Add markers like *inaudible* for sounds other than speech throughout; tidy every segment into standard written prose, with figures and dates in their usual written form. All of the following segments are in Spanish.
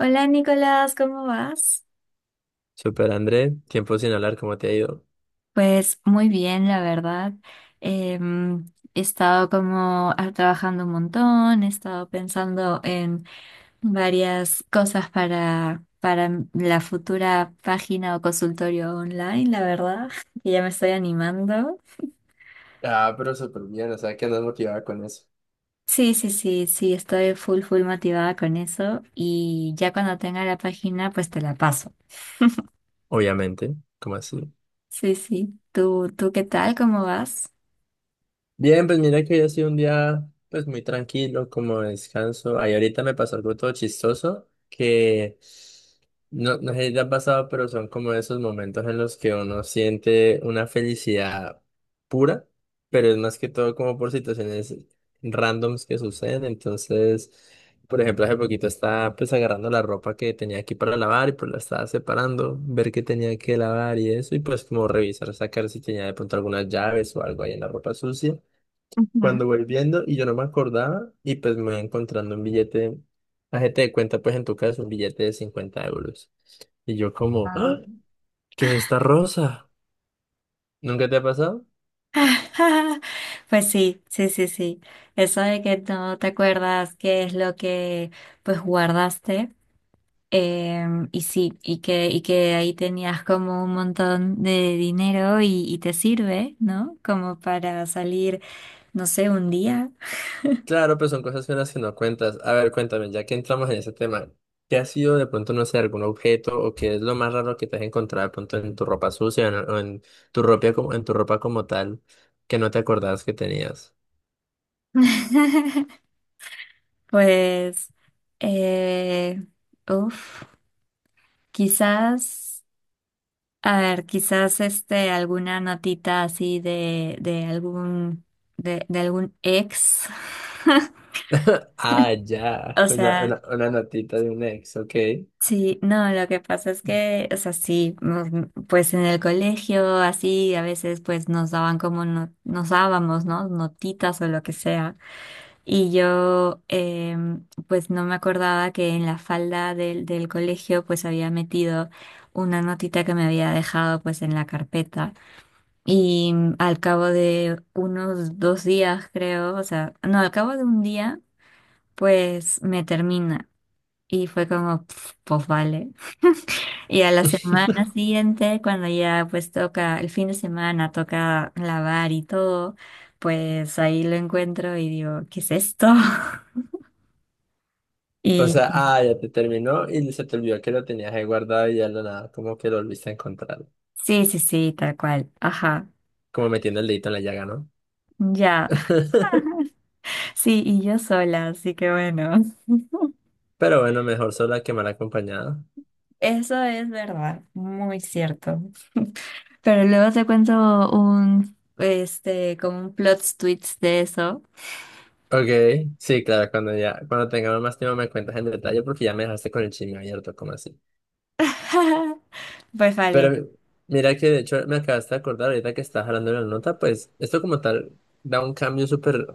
Hola Nicolás, ¿cómo vas? Super André, tiempo sin hablar, ¿cómo te ha ido? Pues muy bien, la verdad. Em, he estado como trabajando un montón, he estado pensando en varias cosas para la futura página o consultorio online, la verdad, *laughs* que ya me estoy animando. Ah, pero súper bien, o sea, que andas motivada con eso. Sí, sí, sí, sí, estoy full motivada con eso y ya cuando tenga la página, pues te la paso. Obviamente, ¿cómo así? Sí, sí. ¿Tú qué tal? ¿Cómo vas? Bien, pues mira que hoy ha sido un día pues muy tranquilo, como de descanso. Ahí ahorita me pasó algo todo chistoso que no sé si te ha pasado, pero son como esos momentos en los que uno siente una felicidad pura, pero es más que todo como por situaciones randoms que suceden. Entonces, por ejemplo, hace poquito estaba pues agarrando la ropa que tenía aquí para lavar y pues la estaba separando, ver qué tenía que lavar y eso, y pues como revisar, sacar si tenía de pronto algunas llaves o algo ahí en la ropa sucia Ujú. cuando voy viendo y yo no me acordaba y pues me voy encontrando un billete, la gente de cuenta pues en tu caso un billete de 50 euros. Y yo como, ¡ah! ¿Qué es esta rosa? ¿Nunca te ha pasado? *laughs* Pues sí, sí, sí, sí. Eso de que no te acuerdas qué es lo que pues guardaste. Y sí, y que ahí tenías como un montón de dinero y te sirve, ¿no? Como para salir, no sé, un día. Claro, pues son cosas finas que no cuentas. A ver, cuéntame, ya que entramos en ese tema, ¿qué ha sido de pronto, no sé, algún objeto o qué es lo más raro que te has encontrado de pronto en tu ropa sucia o en tu ropa como, en tu ropa como tal que no te acordabas que tenías? *laughs* Pues, eh, uff, quizás. A ver, quizás este alguna notita así de algún de algún ex. *laughs* Ah, ya, O una, sea, una, una notita de un ex, ok. sí, no, lo que pasa es que, o sea, sí, pues en el colegio así a veces pues nos daban como no, nos dábamos, ¿no? Notitas o lo que sea. Y yo pues no me acordaba que en la falda del colegio pues había metido una notita que me había dejado pues en la carpeta. Y al cabo de unos dos días, creo, o sea, no, al cabo de un día, pues me termina. Y fue como, "Pf, pues vale. Y a la semana siguiente, cuando ya pues toca, el fin de semana toca lavar y todo, pues ahí lo encuentro y digo, ¿qué es esto? *laughs* O sea, Y ah, ya te terminó y se te olvidó que lo tenías ahí guardado y ya lo nada, como que lo volviste a encontrar. sí, sí, sí, tal cual. Ajá, Como metiendo el dedito en la llaga, ¿no? ya. *laughs* *laughs* Sí, y yo sola, así que bueno. Pero bueno, mejor sola que mal acompañada. *laughs* Eso es verdad, muy cierto. Pero luego te cuento un, este, como un plot twist de eso. Ok, sí, claro, cuando ya, cuando tengamos más tiempo me cuentas en detalle porque ya me dejaste con el chisme abierto, como así. *laughs* Pues Pero vale. mi- Mira que de hecho me acabaste de acordar ahorita que estás hablando de la nota, pues esto como tal da un cambio súper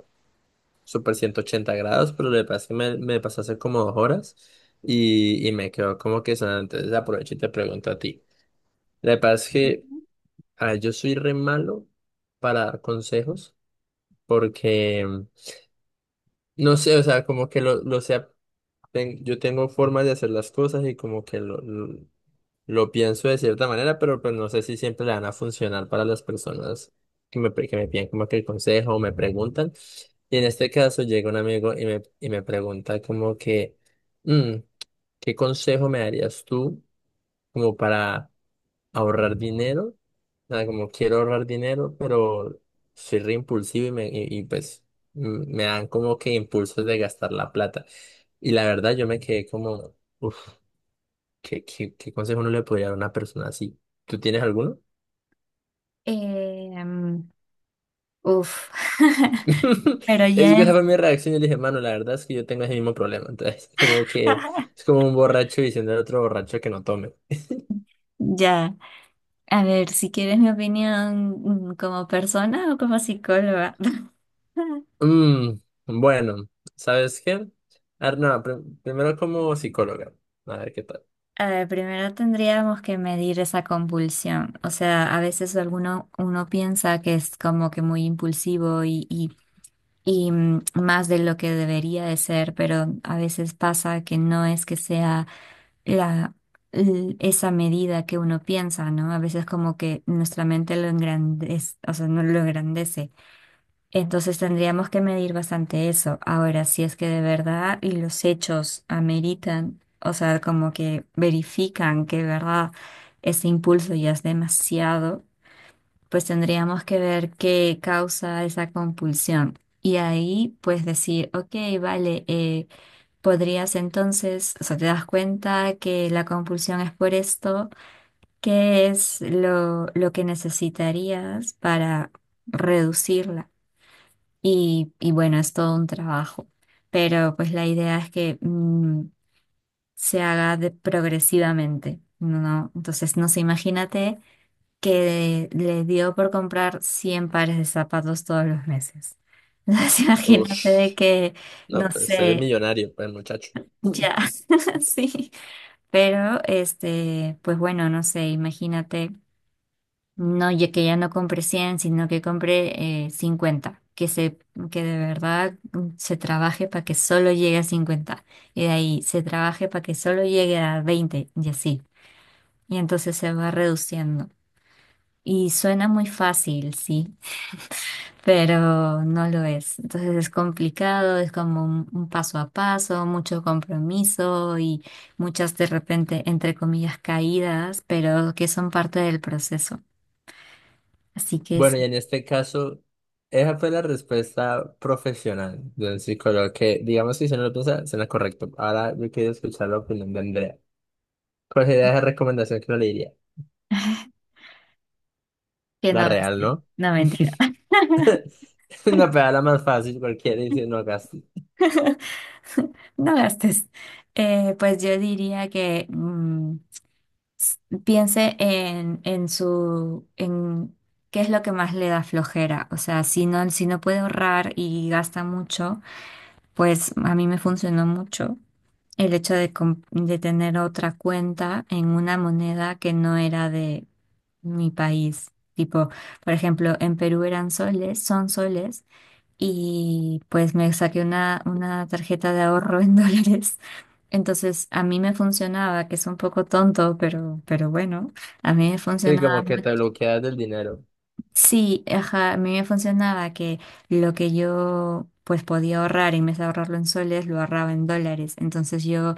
super 80 grados, pero lo le pasa es que me pasó hace como 2 horas y me quedó como que sonando. Entonces aprovecho y te pregunto a ti. Lo que pasa es que a ver, yo soy re malo para dar consejos porque no sé, o sea, como que lo sea, yo tengo formas de hacer las cosas y como que lo Lo pienso de cierta manera, pero pues no sé si siempre le van a funcionar para las personas que que me piden como que el consejo o me preguntan. Y en este caso llega un amigo y y me pregunta como que, "Mm, ¿Qué consejo me darías tú como para ahorrar dinero? O sea, como quiero ahorrar dinero, pero soy re impulsivo y pues me dan como que impulsos de gastar la plata. Y la verdad yo me quedé como... "Uf, ¿qué consejo no le podría dar a una persona así? ¿Tú tienes alguno? Em, uf. *laughs* *laughs* Pero Es que ya esa es, fue mi reacción. Yo le dije, mano, la verdad es que yo tengo ese mismo problema. Entonces, *laughs* como que *laughs* es como un borracho diciendo al otro borracho que no tome. ya. A ver, si quieres mi opinión como persona o como psicóloga. *laughs* Mm, bueno, ¿sabes qué? A ver, no, primero como psicóloga. A ver qué tal. A ver, primero tendríamos que medir esa compulsión. O sea, a veces alguno uno piensa que es como que muy impulsivo y más de lo que debería de ser, pero a veces pasa que no es que sea la, esa medida que uno piensa, ¿no? A veces como que nuestra mente lo engrandece, o sea, no lo engrandece. Entonces tendríamos que medir bastante eso. Ahora, si es que de verdad y los hechos ameritan, o sea, como que verifican que de verdad ese impulso ya es demasiado, pues tendríamos que ver qué causa esa compulsión. Y ahí, pues decir, ok, vale, podrías entonces, o sea, te das cuenta que la compulsión es por esto, ¿qué es lo que necesitarías para reducirla? Y bueno, es todo un trabajo, pero pues la idea es que se haga progresivamente, ¿no? Entonces, no sé, imagínate que le dio por comprar 100 pares de zapatos todos los meses. Entonces, *laughs* imagínate de Ush, que, no, no pues es sé, millonario, pues, muchacho. *laughs* ya, *laughs* sí, pero este, pues bueno, no sé, imagínate, no, ya que ya no compré 100 sino que compré 50, que se, que de verdad se trabaje para que solo llegue a 50 y de ahí se trabaje para que solo llegue a 20 y así, y entonces se va reduciendo. Y suena muy fácil, sí, pero no lo es. Entonces es complicado, es como un paso a paso, mucho compromiso y muchas de repente, entre comillas, caídas, pero que son parte del proceso. Así que Bueno, y sí, en este caso, esa fue la respuesta profesional del psicólogo que, digamos, que si se no lo piensa, suena correcto. Ahora yo quiero escuchar la opinión de Andrea. ¿Cuál sería esa recomendación que no le diría? que La no real, gastes, ¿no? no mentira, *laughs* Una pedala más fácil, cualquiera dice no gastes. *laughs* no gastes. Pues yo diría que s- piense en su, en qué es lo que más le da flojera. O sea, si no, si no puede ahorrar y gasta mucho, pues a mí me funcionó mucho el hecho de, de tener otra cuenta en una moneda que no era de mi país. Tipo, por ejemplo, en Perú eran soles, son soles, y pues me saqué una tarjeta de ahorro en *laughs* dólares. Entonces, a mí me funcionaba, que es un poco tonto, pero bueno, a mí me Y funcionaba como que te bloqueas del dinero. Sí, ajá, a mí me funcionaba que lo que yo pues podía ahorrar en vez de ahorrarlo en soles, lo ahorraba en dólares. Entonces yo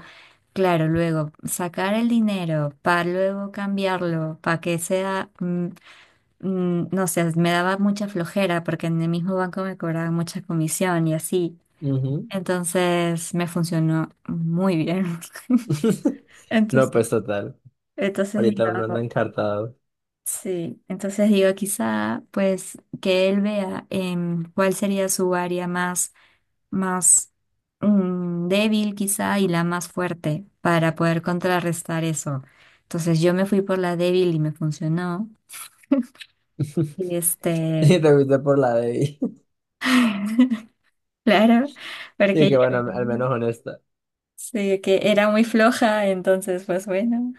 claro, luego sacar el dinero para luego cambiarlo, para que sea, no sé, me daba mucha flojera porque en el mismo banco me cobraban mucha comisión y así. Ujú. Entonces me funcionó muy bien. *laughs* *laughs* No, Entonces, pues total. entonces Ahorita uno anda digo, encartado. sí, entonces digo, quizá pues que él vea cuál sería su área más más débil quizá y la más fuerte para poder contrarrestar eso. Entonces yo me fui por la débil y me funcionó. Y *laughs* Y este, te fuiste por la de ahí. *laughs* *laughs* claro, Y porque que yo bueno, al menos honesta. sí, que era muy floja, entonces pues bueno,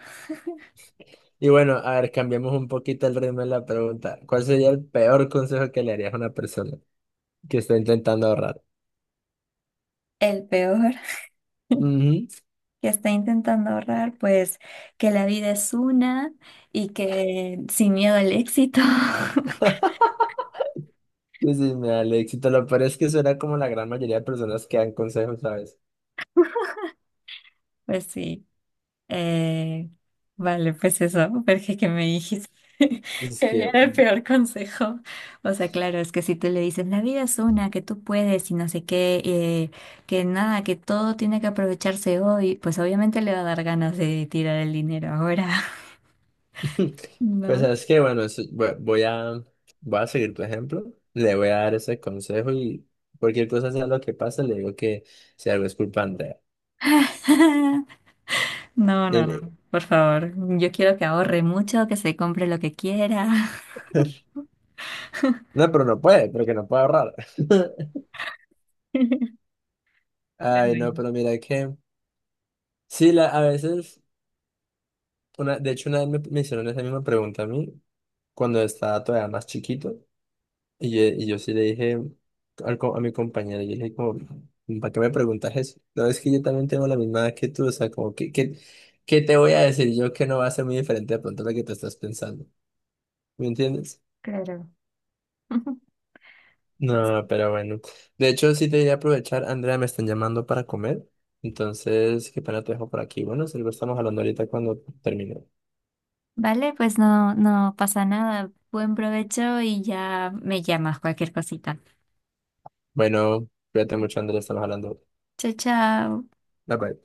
Y bueno, a ver, cambiemos un poquito el ritmo de la pregunta. ¿Cuál sería el peor consejo que le harías a una persona que está intentando ahorrar? el peor Ujú. que está intentando ahorrar, pues que la vida es una y que sin miedo al éxito, Que si me da el éxito, lo peor es que suena como la gran mayoría de personas que dan consejos, ¿sabes? *laughs* pues sí. Eh, vale, pues eso, porque que me dijiste *laughs* Es que que, diera el peor consejo. O sea, claro, es que si tú le dices, la vida es una, que tú puedes y no sé qué, que nada, que todo tiene que aprovecharse hoy, pues obviamente le va a dar ganas de tirar el dinero ahora, *laughs* *laughs* pues ¿no? sabes que, bueno, voy a seguir tu ejemplo, le voy a dar ese consejo y cualquier cosa sea lo que pase, le digo que si algo es culpa de Andrea. *laughs* No, Y no, me- no, por favor, yo quiero que ahorre mucho, que se compre lo que quiera. *laughs* No, pero no puede, porque no puede ahorrar. *laughs* *laughs* Pues Ay, bueno, no, pero mira que, sí, la, a veces. Una, de hecho, una vez me hicieron esa misma pregunta a mí cuando estaba todavía más chiquito y yo sí le dije a mi compañera, yo le dije como, ¿para qué me preguntas eso? No, es que yo también tengo la misma edad que tú, o sea, como que, ¿qué te voy a decir yo que no va a ser muy diferente de pronto a lo que tú estás pensando? ¿Me entiendes? claro. *laughs* Pues No, pero bueno. De hecho, sí te voy a aprovechar, Andrea, me están llamando para comer, entonces, qué pena te dejo por aquí. Bueno, si lo estamos hablando ahorita cuando termine. vale, pues no, no pasa nada. Buen provecho y ya me llamas cualquier cosita. Bueno, cuídate mucho, Andrea, estamos hablando. Chao, chao. Bye bye.